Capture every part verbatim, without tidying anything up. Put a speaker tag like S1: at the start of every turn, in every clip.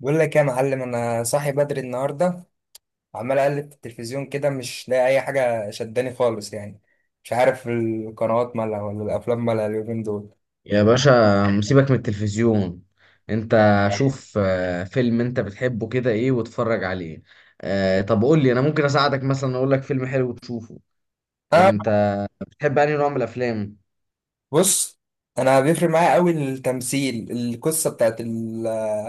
S1: بقول لك يا معلم، انا صاحي بدري النهارده. عمال اقلب في التلفزيون كده، مش لاقي اي حاجه شداني خالص يعني. مش عارف القنوات مالها ولا الافلام مالها اليومين دول.
S2: يا باشا، مسيبك من التلفزيون. انت شوف آه، فيلم انت بتحبه كده ايه واتفرج عليه. آه، طب قول لي، انا ممكن اساعدك مثلا اقول لك فيلم حلو تشوفه.
S1: انا،
S2: انت بتحب انهي نوع من الافلام؟
S1: بص. انا بيفرق معايا قوي، التمثيل، القصه بتاعت ال-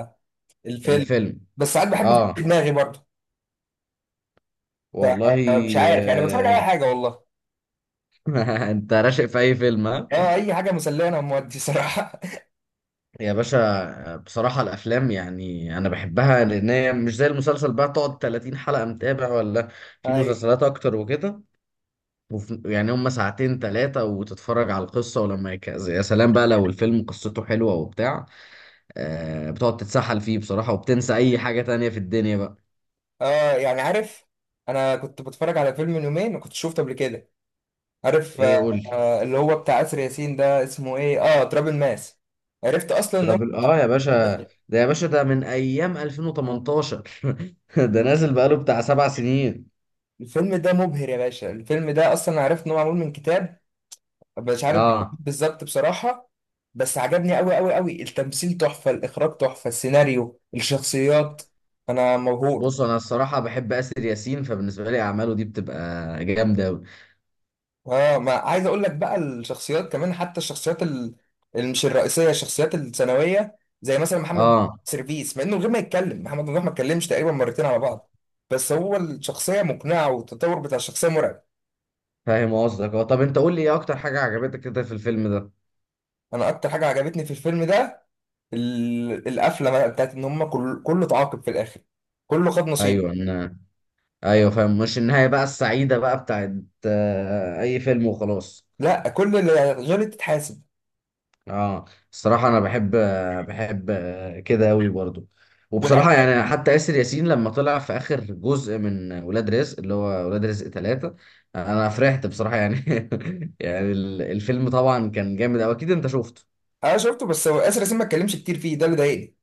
S1: الفيلم.
S2: الفيلم؟
S1: بس ساعات بحب افكر في
S2: اه
S1: دماغي برضه.
S2: والله.
S1: فمش عارف يعني، بتفرج على
S2: آه،
S1: اي حاجه والله.
S2: انت راشق في اي فيلم، ها؟
S1: اه، اي حاجه مسليه، انا مودي صراحه.
S2: يا باشا، آه، بصراحة الافلام يعني انا بحبها، لان هي مش زي المسلسل بقى تقعد 30 حلقة متابع ولا في
S1: ايوه.
S2: مسلسلات اكتر وكده. وف... يعني هم ساعتين ثلاثة وتتفرج على القصة، ولما يك... يا سلام بقى لو الفيلم قصته حلوة وبتاع. آه بتقعد تتسحل فيه بصراحة، وبتنسى أي حاجة تانية في الدنيا بقى.
S1: اه، يعني عارف. انا كنت بتفرج على فيلم من يومين، ما كنتش شفته قبل كده. عارف آه،
S2: إيه؟ قول لي.
S1: آه، اللي هو بتاع آسر ياسين ده اسمه ايه، اه تراب الماس. عرفت اصلا ان هو.
S2: ترابل آه يا باشا، ده يا باشا، ده من أيام ألفين وتمنتاشر. ده نازل بقاله بتاع سبع سنين.
S1: الفيلم ده مبهر يا باشا. الفيلم ده اصلا عرفت ان هو معمول من كتاب. مش عارف
S2: آه
S1: بالظبط بصراحة. بس عجبني قوي قوي قوي، التمثيل تحفة، الاخراج تحفة، السيناريو، الشخصيات. انا مبهور.
S2: بص، أنا الصراحة بحب آسر ياسين، فبالنسبة لي أعماله دي بتبقى جامدة أوي.
S1: اه، ما عايز اقول لك بقى الشخصيات كمان، حتى الشخصيات ال- اللي مش الرئيسيه، الشخصيات الثانويه زي مثلا محمد
S2: آه
S1: سيرفيس، مع انه من غير ما يتكلم، محمد ممدوح ما اتكلمش تقريبا مرتين على بعض. بس هو الشخصيه مقنعه، والتطور بتاع الشخصيه مرعب.
S2: فاهم قصدك. آه طب أنت قول لي، إيه أكتر حاجة عجبتك كده في الفيلم ده؟
S1: انا اكتر حاجه عجبتني في الفيلم ده، ال- القفله بقى بتاعت ان هم كل، كله اتعاقب في الاخر. كله خد نصيب.
S2: ايوه. انا ايوه فاهم، مش النهايه بقى السعيده بقى بتاعت آه، اي فيلم وخلاص.
S1: لا، كل اللي غلط اتحاسب.
S2: اه الصراحه انا بحب آه، بحب آه، كده قوي برضو. وبصراحه
S1: والألعاب.
S2: يعني حتى ياسر ياسين لما طلع في اخر جزء من ولاد رزق، اللي هو ولاد رزق ثلاثة، انا فرحت بصراحه يعني. يعني ال- الفيلم طبعا كان جامد أوي، اكيد انت شفته.
S1: انا شفته، بس هو اسر ياسين ما اتكلمش كتير فيه، ده اللي ضايقني.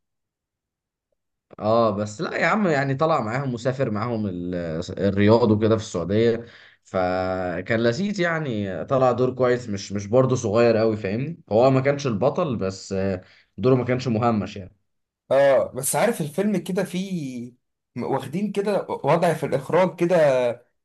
S2: اه بس لا يا عم، يعني طلع معاهم، مسافر معاهم ال- الرياض وكده في السعودية، فكان لذيذ يعني. طلع دور كويس مش مش برضه صغير قوي، فاهمني، هو ما كانش البطل بس آه، دوره ما كانش مهمش يعني.
S1: اه، بس عارف الفيلم كده فيه، م- واخدين كده وضع في الإخراج كده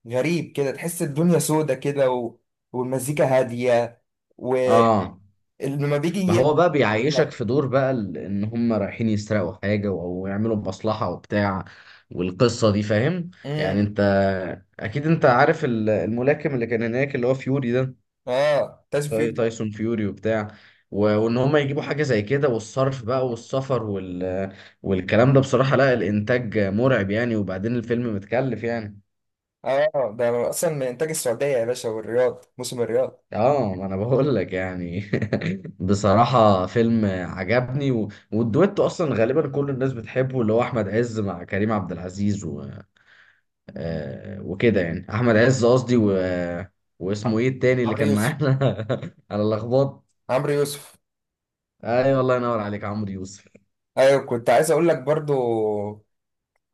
S1: غريب، كده تحس الدنيا سودة كده، و... والمزيكا هادية. ولما
S2: اه، ما
S1: بيجي
S2: هو بقى
S1: يطلع.
S2: بيعيشك في دور بقى ال- ان هم رايحين يسرقوا حاجة او يعملوا مصلحة وبتاع، والقصة دي، فاهم
S1: امم.
S2: يعني. انت اكيد انت عارف ال- الملاكم اللي كان هناك، اللي هو فيوري ده،
S1: اه، تاج
S2: تاي-
S1: فيوري.
S2: تايسون فيوري وبتاع، و- وان هم يجيبوا حاجه زي كده، والصرف بقى والسفر وال... والكلام ده، بصراحه لا الانتاج مرعب يعني، وبعدين الفيلم متكلف يعني.
S1: اه، ده اصلا من انتاج السعودية يا باشا، والرياض، موسم الرياض.
S2: اه ما انا بقول لك يعني. بصراحه فيلم عجبني، و... والدويتو اصلا غالبا كل الناس بتحبه، اللي هو احمد عز مع كريم عبد العزيز و... آه وكده يعني، احمد عز قصدي، و... واسمه ايه التاني اللي
S1: عمرو
S2: كان
S1: يوسف.
S2: معانا؟ انا لخبطت.
S1: عمرو يوسف.
S2: ايوه والله ينور عليك، عمرو يوسف.
S1: ايوه، كنت عايز اقول لك برضو.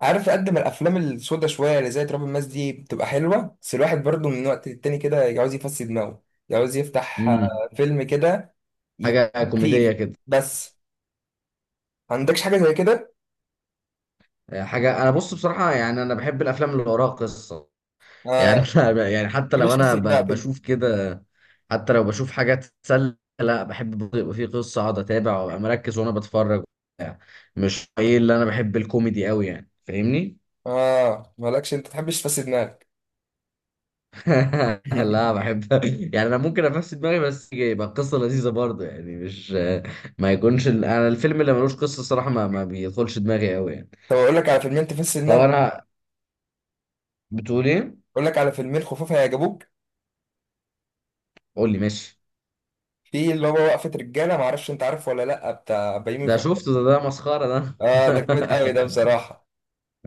S1: عارف، قد ما الافلام السودة شويه اللي زي تراب الماس دي بتبقى حلوه، بس الواحد برضو من وقت للتاني كده يعوز يفسي دماغه. يعوز يفتح
S2: مم.
S1: آه، فيلم كده، ي-
S2: حاجة
S1: خفيف
S2: كوميدية كده؟
S1: بس. ما عندكش حاجه زي كده؟
S2: آه، حاجة. أنا بص، بصراحة يعني أنا بحب الأفلام اللي وراها قصة.
S1: اه.
S2: يعني
S1: ما
S2: أنا يعني، حتى لو
S1: تحبش
S2: أنا
S1: تفسي
S2: ب-
S1: دماغك انت؟
S2: بشوف كده، حتى لو بشوف حاجات تسلى، لا، بحب برضه يبقى في قصة أقعد أتابع وأبقى مركز وأنا بتفرج وبتاع. مش إيه، اللي أنا بحب الكوميدي أوي يعني، فاهمني؟
S1: اه، مالكش؟ انت تحبش تفسي دماغك.
S2: لا، بحب، يعني أنا ممكن أفسد دماغي، بس يبقى القصة لذيذة برضه يعني، مش ما يكونش ال- أنا، الفيلم اللي ملوش قصة الصراحة ما, ما بيدخلش دماغي أوي يعني.
S1: طب اقول لك على فيلمين تفسي
S2: طب
S1: دماغك.
S2: أنا، بتقول إيه؟
S1: اقول لك على فيلمين خفاف هيعجبوك.
S2: قول لي، ماشي.
S1: في اللي هو وقفه رجاله، ما اعرفش انت عارفه ولا لا، بتاع بيومي
S2: ده
S1: فؤاد.
S2: شفته، ده ده مسخرة ده.
S1: اه، ده جامد قوي ده بصراحه.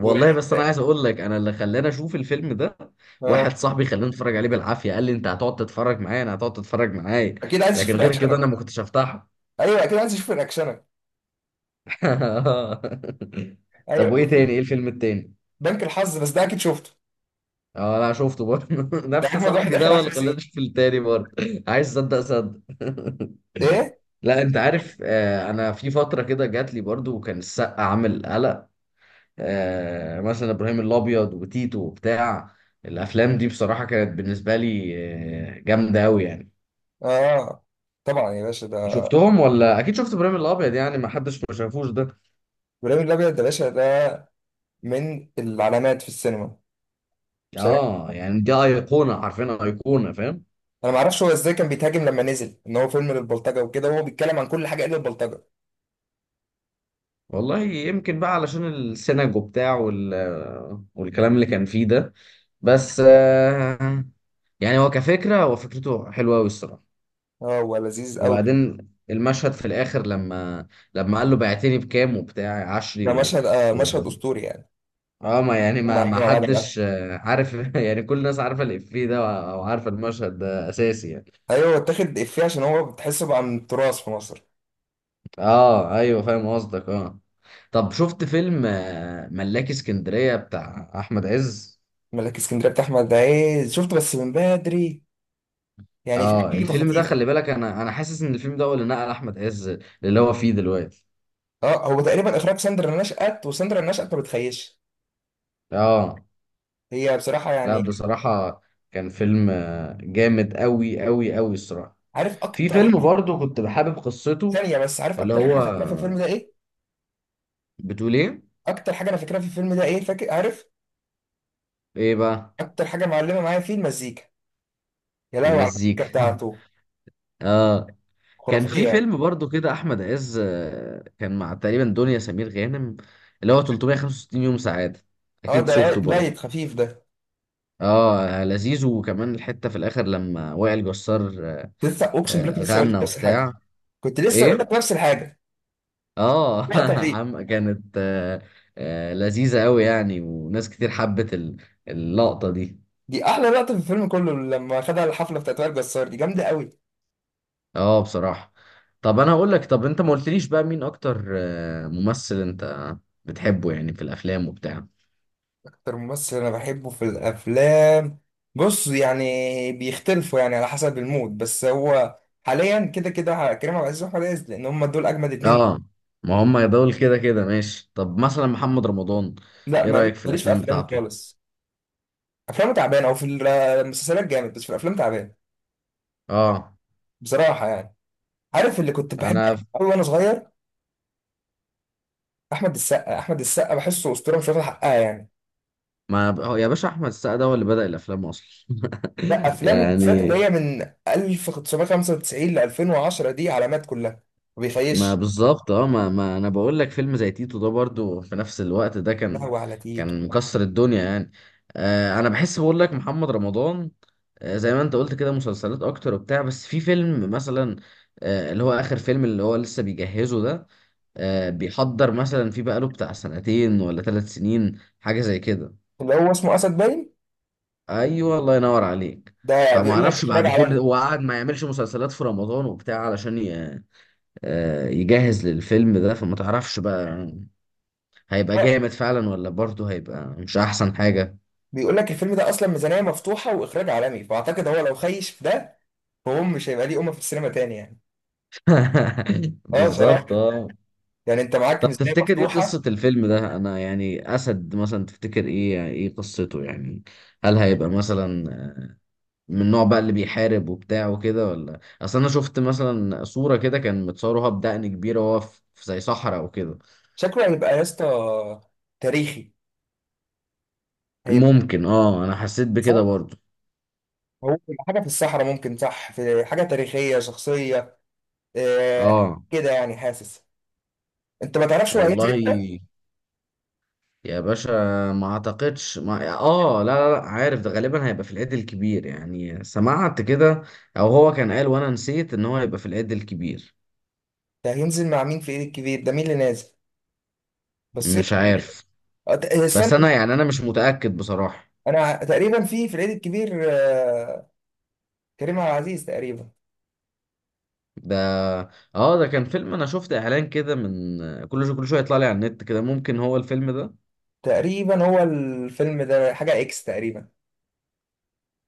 S1: و.
S2: بس انا عايز اقول لك، انا اللي خلاني اشوف الفيلم ده،
S1: آه.
S2: واحد صاحبي خلاني اتفرج عليه بالعافية، قال لي انت هتقعد تتفرج معايا، انا هتقعد تتفرج معايا،
S1: اكيد عايز اشوف
S2: لكن غير كده انا
S1: رياكشنك.
S2: ما كنتش هفتحه.
S1: ايوه، اكيد عايز اشوف رياكشنك.
S2: طب،
S1: ايوه.
S2: وايه تاني ايه الفيلم التاني؟
S1: بنك الحظ، بس ده اكيد شفته.
S2: اه لا، شفته برضه.
S1: ده
S2: نفس
S1: اجمد واحد
S2: صاحبي ده
S1: اخر
S2: هو
S1: 10
S2: اللي
S1: سنين.
S2: خلاني اشوف التاني برضه. عايز صدق، صدق.
S1: ايه؟
S2: لا انت عارف، آه، انا في فتره كده جات لي برضو، وكان السقا عامل قلق، آه، مثلا ابراهيم الابيض وتيتو وبتاع. الافلام دي بصراحه كانت بالنسبه لي آه، جامده قوي يعني.
S1: اه، طبعا يا باشا، ده
S2: شفتهم؟ ولا اكيد شفت ابراهيم الابيض، يعني ما حدش ما شافوش ده.
S1: ابراهيم الابيض ده باشا، ده من العلامات في السينما بصراحه.
S2: اه يعني، دي ايقونه، حرفيا ايقونه، فاهم.
S1: انا ما اعرفش هو ازاي كان بيتهاجم لما نزل، ان هو فيلم للبلطجه وكده، وهو بيتكلم عن كل حاجه الا البلطجه.
S2: والله يمكن بقى علشان السينجو بتاع وال... آه، والكلام اللي كان فيه ده. بس آه، يعني هو كفكره هو فكرته حلوه قوي الصراحه.
S1: اه، هو لذيذ قوي.
S2: وبعدين المشهد في الاخر، لما لما قال له، بعتني بكام وبتاع، عشري
S1: ده
S2: و...
S1: مشهد، آه مشهد اسطوري يعني.
S2: اه ما يعني،
S1: هم
S2: ما
S1: قاعدين
S2: ما
S1: مع بعض بقى.
S2: حدش آه، عارف. يعني كل الناس عارفه الافيه ده، او عارفه المشهد ده، اساسي يعني.
S1: ايوه، اتاخد افيه عشان هو بتحسه بقى من التراث في مصر.
S2: اه ايوه فاهم قصدك، اه. طب، شفت فيلم آه، ملاكي اسكندريه بتاع احمد عز؟
S1: ملك اسكندريه بتاع احمد عز شفته بس من بدري، يعني في
S2: اه
S1: حاجه
S2: الفيلم ده،
S1: خطيف.
S2: خلي بالك، انا انا حاسس ان الفيلم ده هو اللي نقل احمد عز اللي هو فيه دلوقتي.
S1: اه، هو تقريبا اخراج ساندرا نشأت، وساندرا نشأت ما بتخيش.
S2: اه
S1: هي بصراحه
S2: لا
S1: يعني.
S2: بصراحه، كان فيلم آه، جامد قوي قوي قوي الصراحه.
S1: عارف
S2: في
S1: اكتر
S2: فيلم
S1: حاجه؟
S2: برضو كنت بحابب قصته،
S1: ثانيه بس، عارف
S2: اللي
S1: اكتر حاجه
S2: هو
S1: انا فاكرها في الفيلم ده
S2: آه،
S1: ايه؟
S2: بتقول ايه؟
S1: اكتر حاجه انا فاكرها في الفيلم ده ايه، فاكر؟ عارف؟
S2: ايه بقى؟
S1: اكتر حاجه معلمه معايا فيه المزيكا. يا لهوي على
S2: المزيكا.
S1: المزيكا بتاعته!
S2: اه، كان في
S1: خرافيه يعني.
S2: فيلم برضو كده احمد عز آه، كان مع تقريبا دنيا سمير غانم، اللي هو ثلاثمية وخمسة وستين يوم سعاده،
S1: اه،
S2: اكيد
S1: ده
S2: شفته برضو.
S1: لايت، خفيف ده.
S2: اه لذيذ، وكمان الحته في الاخر لما وائل جسار
S1: لسه، اقسم بالله
S2: آه،
S1: كنت لسه اقول
S2: غنى
S1: لك نفس الحاجه.
S2: وبتاع.
S1: كنت لسه اقول لك
S2: ايه؟
S1: نفس الحاجه.
S2: اه.
S1: لقطه فيه.
S2: عم، كانت آه، آه، لذيذه قوي يعني، وناس كتير حبت ال- اللقطه دي.
S1: دي احلى لقطه في الفيلم كله، لما خدها، الحفله بتاعت وائل جسار دي جامده قوي.
S2: اه بصراحه. طب انا هقول لك، طب انت ما قلتليش بقى، مين اكتر آه، ممثل انت بتحبه يعني في الافلام وبتاع؟
S1: أكتر ممثل أنا بحبه في الأفلام؟ بص يعني، بيختلفوا يعني على حسب المود، بس هو حاليا كده كده كريم عبد العزيز وأحمد عز، لأن هما دول أجمد اتنين.
S2: اه ما هم دول كده كده ماشي. طب مثلا محمد رمضان،
S1: لا،
S2: ايه
S1: مال-
S2: رأيك في
S1: ماليش في
S2: الافلام
S1: أفلامه
S2: بتاعته؟
S1: خالص. أفلامه تعبانة، أو في المسلسلات جامد بس في الأفلام تعبان،
S2: اه
S1: بصراحة يعني. عارف اللي كنت بحب
S2: انا ف-
S1: أوي وأنا صغير؟ أحمد السقا، أحمد السقا بحسه أسطورة، مش واخد حقها يعني.
S2: ما ب- هو يا باشا، احمد السقا ده هو اللي بدأ الافلام اصلا.
S1: لا، أفلام بالذات اللي
S2: يعني
S1: هي من ألف تسعمية خمسة وتسعين ل ألفين وعشرة دي علامات كلها، ما
S2: ما
S1: بيخيش.
S2: بالظبط، اه، ما, ما انا بقول لك، فيلم زي تيتو ده برضو في نفس الوقت ده كان
S1: لهوي على تيتو!
S2: كان مكسر الدنيا يعني. آه انا بحس بقول لك محمد رمضان، آه زي ما انت قلت كده، مسلسلات اكتر وبتاع، بس في فيلم مثلا، آه اللي هو اخر فيلم، اللي هو لسه بيجهزه ده، آه، بيحضر مثلا، في بقاله بتاع سنتين ولا ثلاث سنين حاجة زي كده.
S1: اللي هو اسمه أسد، باين
S2: ايوه الله ينور عليك.
S1: ده
S2: فما
S1: بيقول لك
S2: اعرفش
S1: اخراج
S2: بعد كل
S1: عالمي.
S2: وقعد ما يعملش مسلسلات في رمضان وبتاع علشان ي... آه، يجهز للفيلم ده، فما تعرفش بقى، هيبقى
S1: آه،
S2: جامد فعلا، ولا برضه هيبقى مش احسن حاجة؟
S1: بيقول لك الفيلم ده اصلا ميزانيه مفتوحه واخراج عالمي، فاعتقد هو لو خيش في ده، فهو مش هيبقى ليه امه في السينما تاني يعني. اه، صراحه.
S2: بالظبط اه.
S1: يعني انت معاك
S2: طب
S1: ميزانيه
S2: تفتكر ايه قصة
S1: مفتوحه.
S2: الفيلم ده، انا يعني اسد مثلا، تفتكر ايه ايه قصته يعني؟ هل هيبقى مثلا من النوع بقى اللي بيحارب وبتاع وكده؟ ولا، اصل انا شفت مثلا صورة كده كان متصورها بدقن كبيرة وهو في في زي صحراء وكده.
S1: شكله هيبقى يا اسطى تاريخي، هيبقى.
S2: ممكن، اه انا حسيت بكده
S1: صح.
S2: برضو.
S1: هو هيبقى حاجه في الصحراء ممكن، صح، في حاجه تاريخيه، شخصيه. آه.
S2: اه
S1: كده يعني، حاسس. انت ما تعرفش هو هينزل
S2: والله
S1: امتى؟
S2: يا باشا، ما اعتقدش ما... اه لا لا لا، عارف ده غالبا هيبقى في العيد الكبير يعني، سمعت كده، او هو كان قال وانا نسيت ان هو هيبقى في العيد الكبير.
S1: ده هينزل مع مين في العيد الكبير؟ ده مين اللي نازل؟ بس
S2: مش عارف،
S1: آه، ت-
S2: بس انا
S1: استنى.
S2: يعني، انا مش متأكد بصراحة.
S1: انا تقريبا في في العيد الكبير، آه، كريم عبد العزيز تقريبا.
S2: ده اه ده كان فيلم، انا شفت اعلان كده من، كل شو كل شويه يطلع لي على النت كده، ممكن هو الفيلم ده.
S1: تقريبا هو الفيلم ده حاجة إكس تقريبا،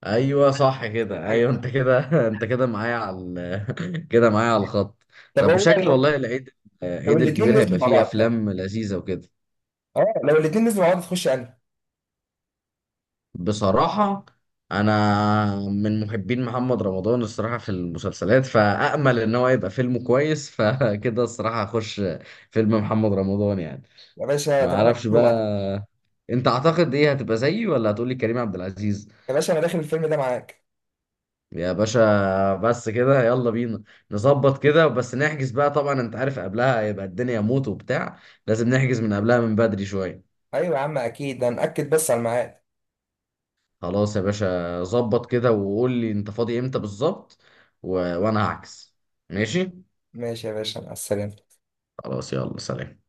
S2: ايوه صح كده،
S1: حاجة
S2: ايوه انت
S1: كده.
S2: كده. انت كده معايا على ال... كده معايا على الخط.
S1: طب هو،
S2: طب شكل
S1: لو
S2: والله، العيد
S1: لو
S2: العيد
S1: الاتنين
S2: الكبير
S1: نزلوا
S2: هيبقى
S1: مع
S2: فيه
S1: بعض، لا.
S2: افلام لذيذه وكده.
S1: اه، لو الاتنين نزلوا مع بعض تخش أنا.
S2: بصراحه انا من محبين محمد رمضان الصراحه في المسلسلات، فامل ان هو يبقى فيلمه كويس. فكده الصراحه هخش فيلم محمد رمضان يعني.
S1: يا باشا،
S2: ما
S1: طب أنا
S2: اعرفش
S1: داخله معاك.
S2: بقى، انت اعتقد ايه، هتبقى زيي ولا هتقولي كريم عبد العزيز؟
S1: يا باشا، أنا داخل الفيلم ده معاك.
S2: يا باشا، بس كده يلا بينا نظبط كده، بس نحجز بقى طبعا، انت عارف قبلها هيبقى الدنيا موت وبتاع، لازم نحجز من قبلها من بدري شوية.
S1: أيوة يا عم، أكيد، ده نأكد بس على الميعاد.
S2: خلاص يا باشا، ظبط كده وقول لي انت فاضي امتى بالظبط و... وانا هعكس. ماشي.
S1: ماشي يا باشا، مع السلامة.
S2: خلاص، يلا سلام.